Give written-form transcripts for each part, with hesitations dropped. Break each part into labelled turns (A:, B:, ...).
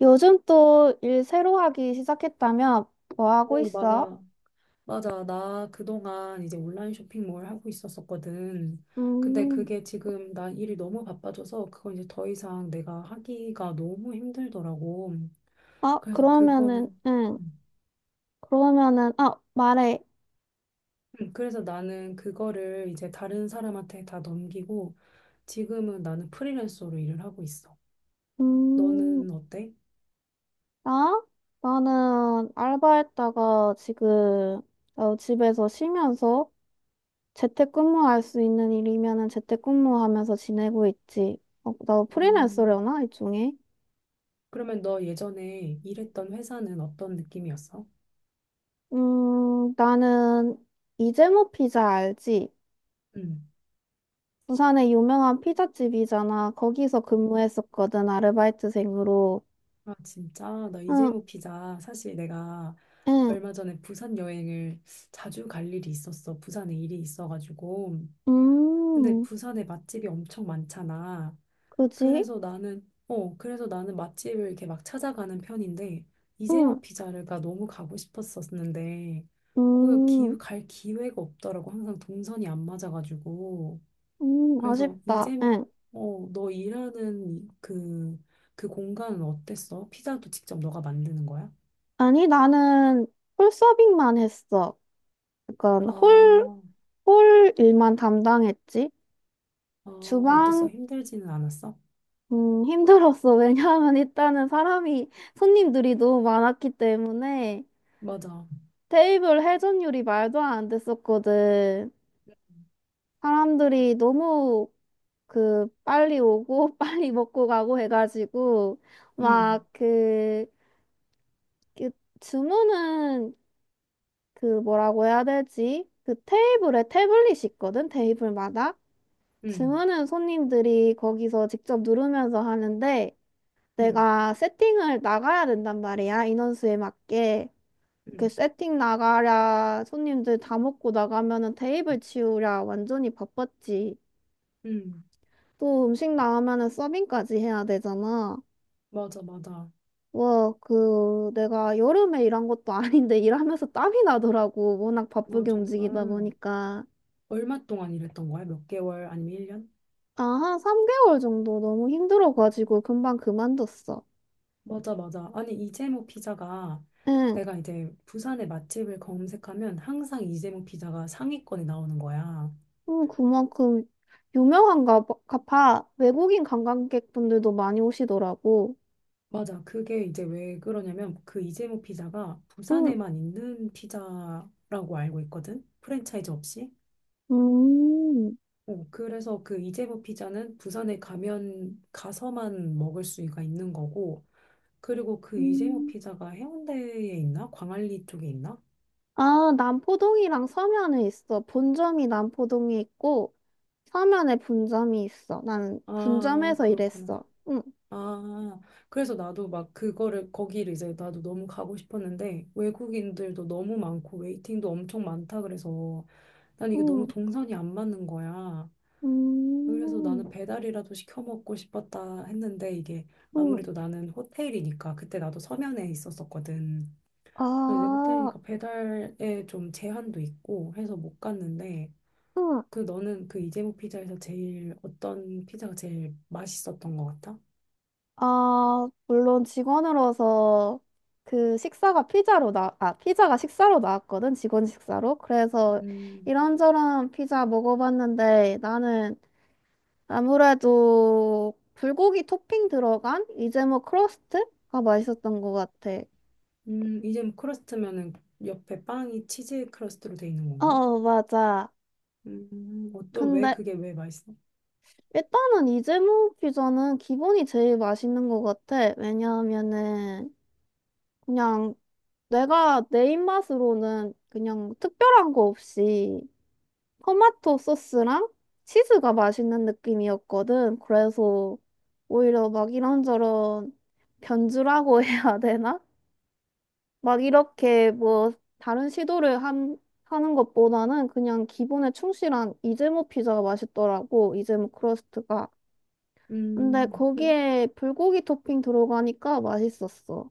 A: 요즘 또 일 새로 하기 시작했다며? 뭐 하고
B: 어,
A: 있어?
B: 맞아. 맞아. 나 그동안 이제 온라인 쇼핑몰 하고 있었었거든. 근데
A: 음,
B: 그게 지금 나 일이 너무 바빠져서 그건 이제 더 이상 내가 하기가 너무 힘들더라고.
A: 아,
B: 그래서
A: 그러면은,
B: 그거는.
A: 응.
B: 음.
A: 그러면은, 아, 말해.
B: 그래서 나는 그거를 이제 다른 사람한테 다 넘기고 지금은 나는 프리랜서로 일을 하고 있어.
A: 음,
B: 너는 어때?
A: 나? 나는 알바했다가 지금 집에서 쉬면서 재택근무할 수 있는 일이면은 재택근무하면서 지내고 있지. 어, 너
B: 음,
A: 프리랜서려나? 일종의?
B: 그러면 너 예전에 일했던 회사는 어떤 느낌이었어?
A: 나는 이재모 피자 알지?
B: 음.
A: 부산에 유명한 피자집이잖아. 거기서 근무했었거든, 아르바이트생으로.
B: 아, 진짜? 나
A: 응,
B: 이재모 피자. 사실 내가
A: 응,
B: 얼마 전에 부산 여행을 자주 갈 일이 있었어. 부산에 일이 있어가지고. 근데
A: 음,
B: 부산에 맛집이 엄청 많잖아.
A: 그지?
B: 그래서 나는 맛집을 이렇게 막 찾아가는 편인데, 이재모
A: 응,
B: 피자가 너무 가고 싶었었는데,
A: 음,
B: 갈 기회가 없더라고. 항상 동선이 안 맞아가지고. 그래서
A: 아쉽다.
B: 이제목,
A: 응.
B: 너 일하는 그, 그 공간은 어땠어? 피자도 직접 너가 만드는 거야?
A: 아니, 나는 홀 서빙만 했어. 그건 홀,
B: 아,
A: 홀 일만 담당했지.
B: 아, 어땠어?
A: 주방,
B: 힘들지는 않았어?
A: 힘들었어. 왜냐하면 손님들이 너무 많았기 때문에
B: 맞아.
A: 테이블 회전율이 말도 안 됐었거든. 사람들이 너무 그 빨리 오고 빨리 먹고 가고 해가지고
B: 응,
A: 막그 그 그 주문은, 그 뭐라고 해야 되지? 그 테이블에 태블릿이 있거든, 테이블마다.
B: 응,
A: 주문은 손님들이 거기서 직접 누르면서 하는데
B: 응,
A: 내가 세팅을 나가야 된단 말이야, 인원수에 맞게. 그
B: 응,
A: 세팅 나가랴 손님들 다 먹고 나가면은 테이블 치우랴 완전히 바빴지.
B: 응.
A: 또 음식 나오면은 서빙까지 해야 되잖아.
B: 맞아, 맞아.
A: 와, 그, 내가 여름에 일한 것도 아닌데 일하면서 땀이 나더라고. 워낙
B: 아,
A: 바쁘게 움직이다
B: 정말.
A: 보니까.
B: 얼마 동안 일했던 거야? 몇 개월 아니면 1년?
A: 아, 한 3개월 정도 너무 힘들어가지고 금방 그만뒀어.
B: 맞아, 맞아. 아니, 이재모 피자가
A: 응,
B: 내가 이제 부산의 맛집을 검색하면 항상 이재모 피자가 상위권에 나오는 거야.
A: 응, 그만큼 유명한가 봐. 가 봐. 외국인 관광객분들도 많이 오시더라고.
B: 맞아. 그게 이제 왜 그러냐면 그 이재모 피자가
A: 응,
B: 부산에만 있는 피자라고 알고 있거든. 프랜차이즈 없이.
A: 음,
B: 그래서 그 이재모 피자는 부산에 가면 가서만 먹을 수가 있는 거고. 그리고 그 이재모
A: 음.
B: 피자가 해운대에 있나? 광안리 쪽에 있나?
A: 아, 남포동이랑 서면에 있어. 본점이 남포동에 있고, 서면에 분점이 있어. 나는
B: 아,
A: 분점에서
B: 그렇구나.
A: 일했어. 응.
B: 아, 그래서 나도 막 그거를 거기를 이제 나도 너무 가고 싶었는데 외국인들도 너무 많고 웨이팅도 엄청 많다 그래서 난 이게
A: 응.
B: 너무 동선이 안 맞는 거야. 그래서
A: 음,
B: 나는 배달이라도 시켜 먹고 싶었다 했는데 이게
A: 음,
B: 아무래도 나는 호텔이니까 그때 나도 서면에 있었었거든. 근데 이제
A: 아,
B: 호텔이니까 배달에 좀 제한도 있고 해서 못 갔는데
A: 음,
B: 그 너는 그 이재모 피자에서 제일 어떤 피자가 제일 맛있었던 것 같아?
A: 아, 물론 직원으로서 그 식사가 아, 피자가 식사로 나왔거든, 직원 식사로. 그래서
B: 음,
A: 이런저런 피자 먹어봤는데 나는 아무래도 불고기 토핑 들어간 이재모 크러스트가 맛있었던 것 같아.
B: 이재모 크러스트면은 옆에 빵이 치즈 크러스트로 돼 있는
A: 어,
B: 건가?
A: 어, 맞아.
B: 어떤 왜
A: 근데
B: 그게 왜 맛있어?
A: 일단은 이재모 피자는 기본이 제일 맛있는 것 같아. 왜냐하면은 그냥 내가 내 입맛으로는 그냥 특별한 거 없이 토마토 소스랑 치즈가 맛있는 느낌이었거든. 그래서 오히려 막 이런저런 변주라고 해야 되나? 막 이렇게 뭐 다른 하는 것보다는 그냥 기본에 충실한 이즈모 피자가 맛있더라고. 이즈모 크러스트가. 근데
B: 음, 음.
A: 거기에 불고기 토핑 들어가니까 맛있었어.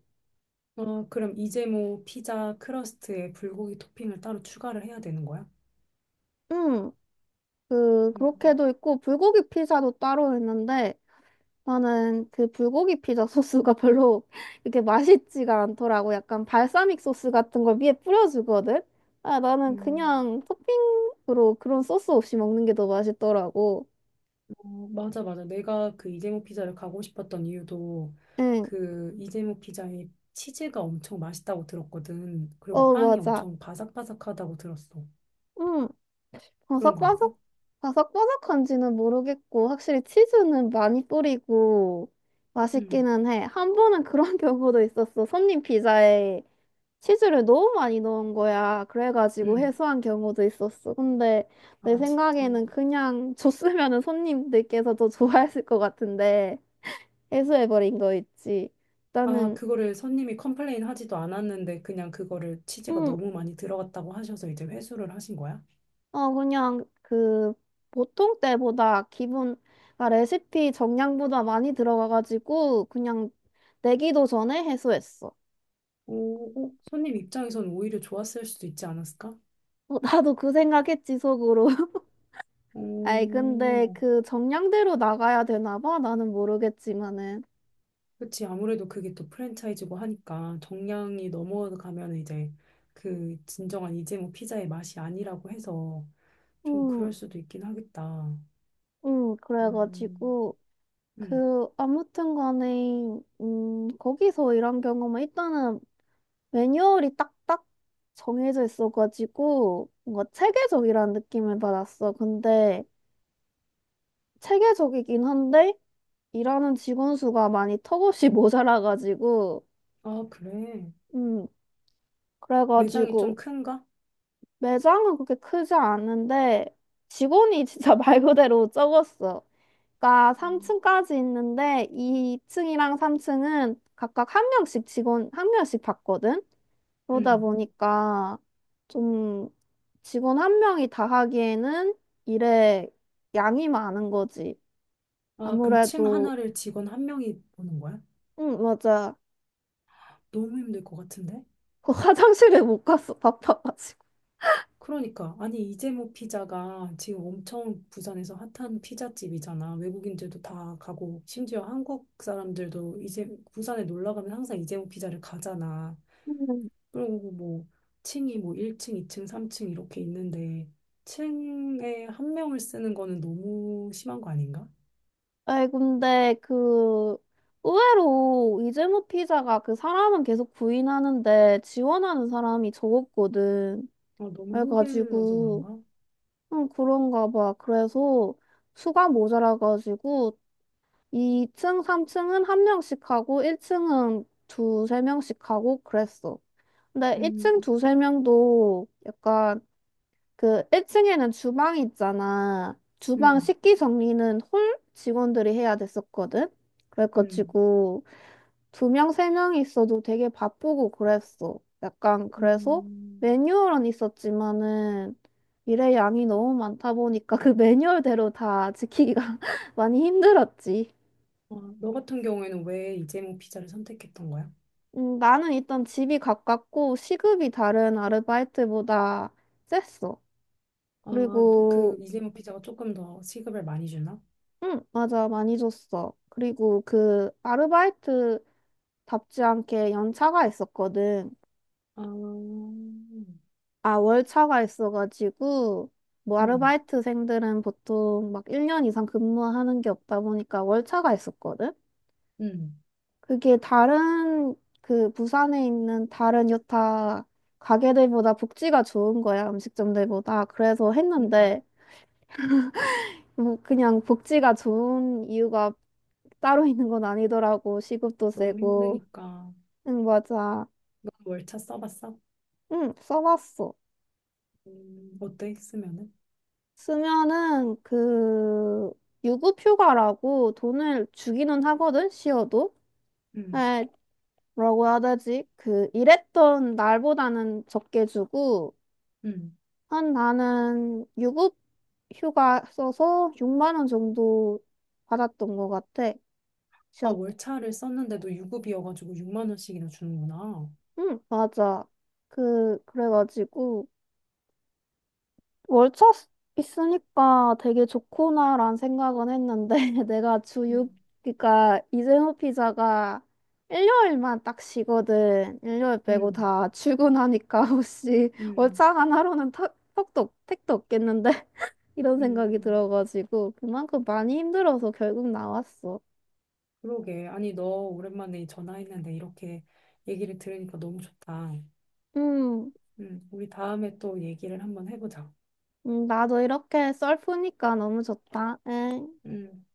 B: 그럼 이제 뭐 피자 크러스트에 불고기 토핑을 따로 추가를 해야 되는 거야?
A: 응.
B: 음,
A: 그렇게도 있고, 불고기 피자도 따로 있는데, 나는 그 불고기 피자 소스가 별로 이렇게 맛있지가 않더라고. 약간 발사믹 소스 같은 걸 위에 뿌려주거든? 아, 나는
B: 음,
A: 그냥 토핑으로 그런 소스 없이 먹는 게 더 맛있더라고.
B: 어, 맞아, 맞아. 내가 그 이재모 피자를 가고 싶었던 이유도
A: 응,
B: 그 이재모 피자의 치즈가 엄청 맛있다고 들었거든. 그리고
A: 어,
B: 빵이
A: 맞아.
B: 엄청 바삭바삭하다고 들었어.
A: 응,
B: 그런 거 같아?
A: 바삭바삭, 바삭바삭한지는 모르겠고, 확실히 치즈는 많이 뿌리고,
B: 응,
A: 맛있기는 해. 한 번은 그런 경우도 있었어. 손님 피자에. 치즈를 너무 많이 넣은 거야. 그래가지고
B: 응.
A: 해소한 경우도 있었어. 근데 내
B: 아, 진짜.
A: 생각에는 그냥 줬으면은 손님들께서 더 좋아했을 것 같은데 해소해버린 거 있지.
B: 아,
A: 나는
B: 그거를 손님이 컴플레인 하지도 않았는데 그냥 그거를 치즈가
A: 음,
B: 너무 많이 들어갔다고 하셔서 이제 회수를 하신 거야?
A: 어 그냥 그 보통 때보다 기본, 아, 레시피 정량보다 많이 들어가가지고 그냥 내기도 전에 해소했어.
B: 오, 어, 손님 입장에선 오히려 좋았을 수도 있지 않았을까?
A: 어, 나도 그 생각했지 속으로. 아이, 근데
B: 오,
A: 그 정량대로 나가야 되나 봐. 나는 모르겠지만은.
B: 그치. 아무래도 그게 또 프랜차이즈고 하니까 정량이 넘어가면 이제 그 진정한 이제 뭐 피자의 맛이 아니라고 해서 좀
A: 음.
B: 그럴 수도 있긴 하겠다.
A: 응,
B: 음,
A: 그래가지고,
B: 음.
A: 그, 아무튼 간에, 거기서 일한 경험은 일단은 매뉴얼이 딱딱 정해져 있어가지고, 뭔가 체계적이라는 느낌을 받았어. 근데, 체계적이긴 한데, 일하는 직원 수가 많이 턱없이 모자라가지고,
B: 아, 그래.
A: 음,
B: 매장이 좀
A: 그래가지고,
B: 큰가?
A: 매장은 그렇게 크지 않은데, 직원이 진짜 말 그대로 적었어. 가
B: 음.
A: 3층까지 있는데 2층이랑 3층은 각각 한 명씩, 직원 한 명씩 받거든. 그러다
B: 음.
A: 보니까 좀 직원 한 명이 다 하기에는 일에 양이 많은 거지.
B: 아, 그럼 층
A: 아무래도
B: 하나를 직원 한 명이 보는 거야?
A: 응 맞아.
B: 너무 힘들 것 같은데?
A: 그 화장실에 못 갔어, 바빠가지고.
B: 그러니까 아니 이재모 피자가 지금 엄청 부산에서 핫한 피자집이잖아. 외국인들도 다 가고 심지어 한국 사람들도 이제 부산에 놀러 가면 항상 이재모 피자를 가잖아.
A: 음.
B: 그리고 뭐 층이 뭐 1층, 2층, 3층 이렇게 있는데 층에 한 명을 쓰는 거는 너무 심한 거 아닌가?
A: 아이 근데 그 의외로 이재모 피자가, 그 사람은 계속 부인하는데, 지원하는 사람이 적었거든.
B: 너무 힘들어서
A: 그래가지고
B: 그런가?
A: 응, 그런가 봐. 그래서 수가 모자라가지고 2층, 3층은 한 명씩 하고 1층은 두세 명씩 하고 그랬어. 근데
B: 음,
A: 1층 두세 명도 약간 그 1층에는 주방이 있잖아. 주방
B: 음,
A: 식기 정리는 홀 직원들이 해야 됐었거든.
B: 음,
A: 그래가지고 두 명, 세 명 있어도 되게 바쁘고 그랬어. 약간 그래서
B: 음.
A: 매뉴얼은 있었지만은 일의 양이 너무 많다 보니까 그 매뉴얼대로 다 지키기가 많이 힘들었지.
B: 너 같은 경우에는 왜 이재모 피자를 선택했던 거야?
A: 나는 일단 집이 가깝고 시급이 다른 아르바이트보다 셌어.
B: 아, 그
A: 그리고
B: 이재모 피자가 조금 더 시급을 많이 주나?
A: 응, 맞아, 많이 줬어. 그리고 그 아르바이트답지 않게 연차가 있었거든.
B: 아,
A: 아, 월차가 있어가지고, 뭐, 아르바이트생들은 보통 막 1년 이상 근무하는 게 없다 보니까 월차가 있었거든?
B: 음,
A: 그게 다른, 그 부산에 있는 다른 여타 가게들보다 복지가 좋은 거야, 음식점들보다. 그래서
B: 음.
A: 했는데, 뭐, 그냥 복지가 좋은 이유가 따로 있는 건 아니더라고. 시급도
B: 너무
A: 세고.
B: 힘드니까.
A: 응, 맞아.
B: 너 월차 써봤어?
A: 응, 써봤어.
B: 어때? 쓰면은?
A: 쓰면은 그 유급휴가라고 돈을 주기는 하거든, 시어도.
B: 음,
A: 에 뭐라고 해야 되지? 그 일했던 날보다는 적게 주고,
B: 음.
A: 한 나는 유급휴가 써서 6만 원 정도 받았던 것 같아,
B: 아,
A: 시어.
B: 월차를 썼는데도 유급이어가지고 6만 원씩이나 주는구나.
A: 응 맞아. 그 그래가지고 월차 쓰- 있으니까 되게 좋구나란 생각은 했는데, 내가 주 6,
B: 음,
A: 그러니까 이재호 피자가 일요일만 딱 쉬거든. 일요일 빼고
B: 음,
A: 다 출근하니까 혹시
B: 음,
A: 월차 하나로는 턱도 택도 없겠는데 이런 생각이
B: 음.
A: 들어가지고 그만큼 많이 힘들어서 결국 나왔어.
B: 그러게. 아니, 너 오랜만에 전화했는데 이렇게 얘기를 들으니까 너무 좋다.
A: 음,
B: 우리 다음에 또 얘기를 한번 해보자.
A: 나도 이렇게 썰프니까 너무 좋다. 응.
B: 음.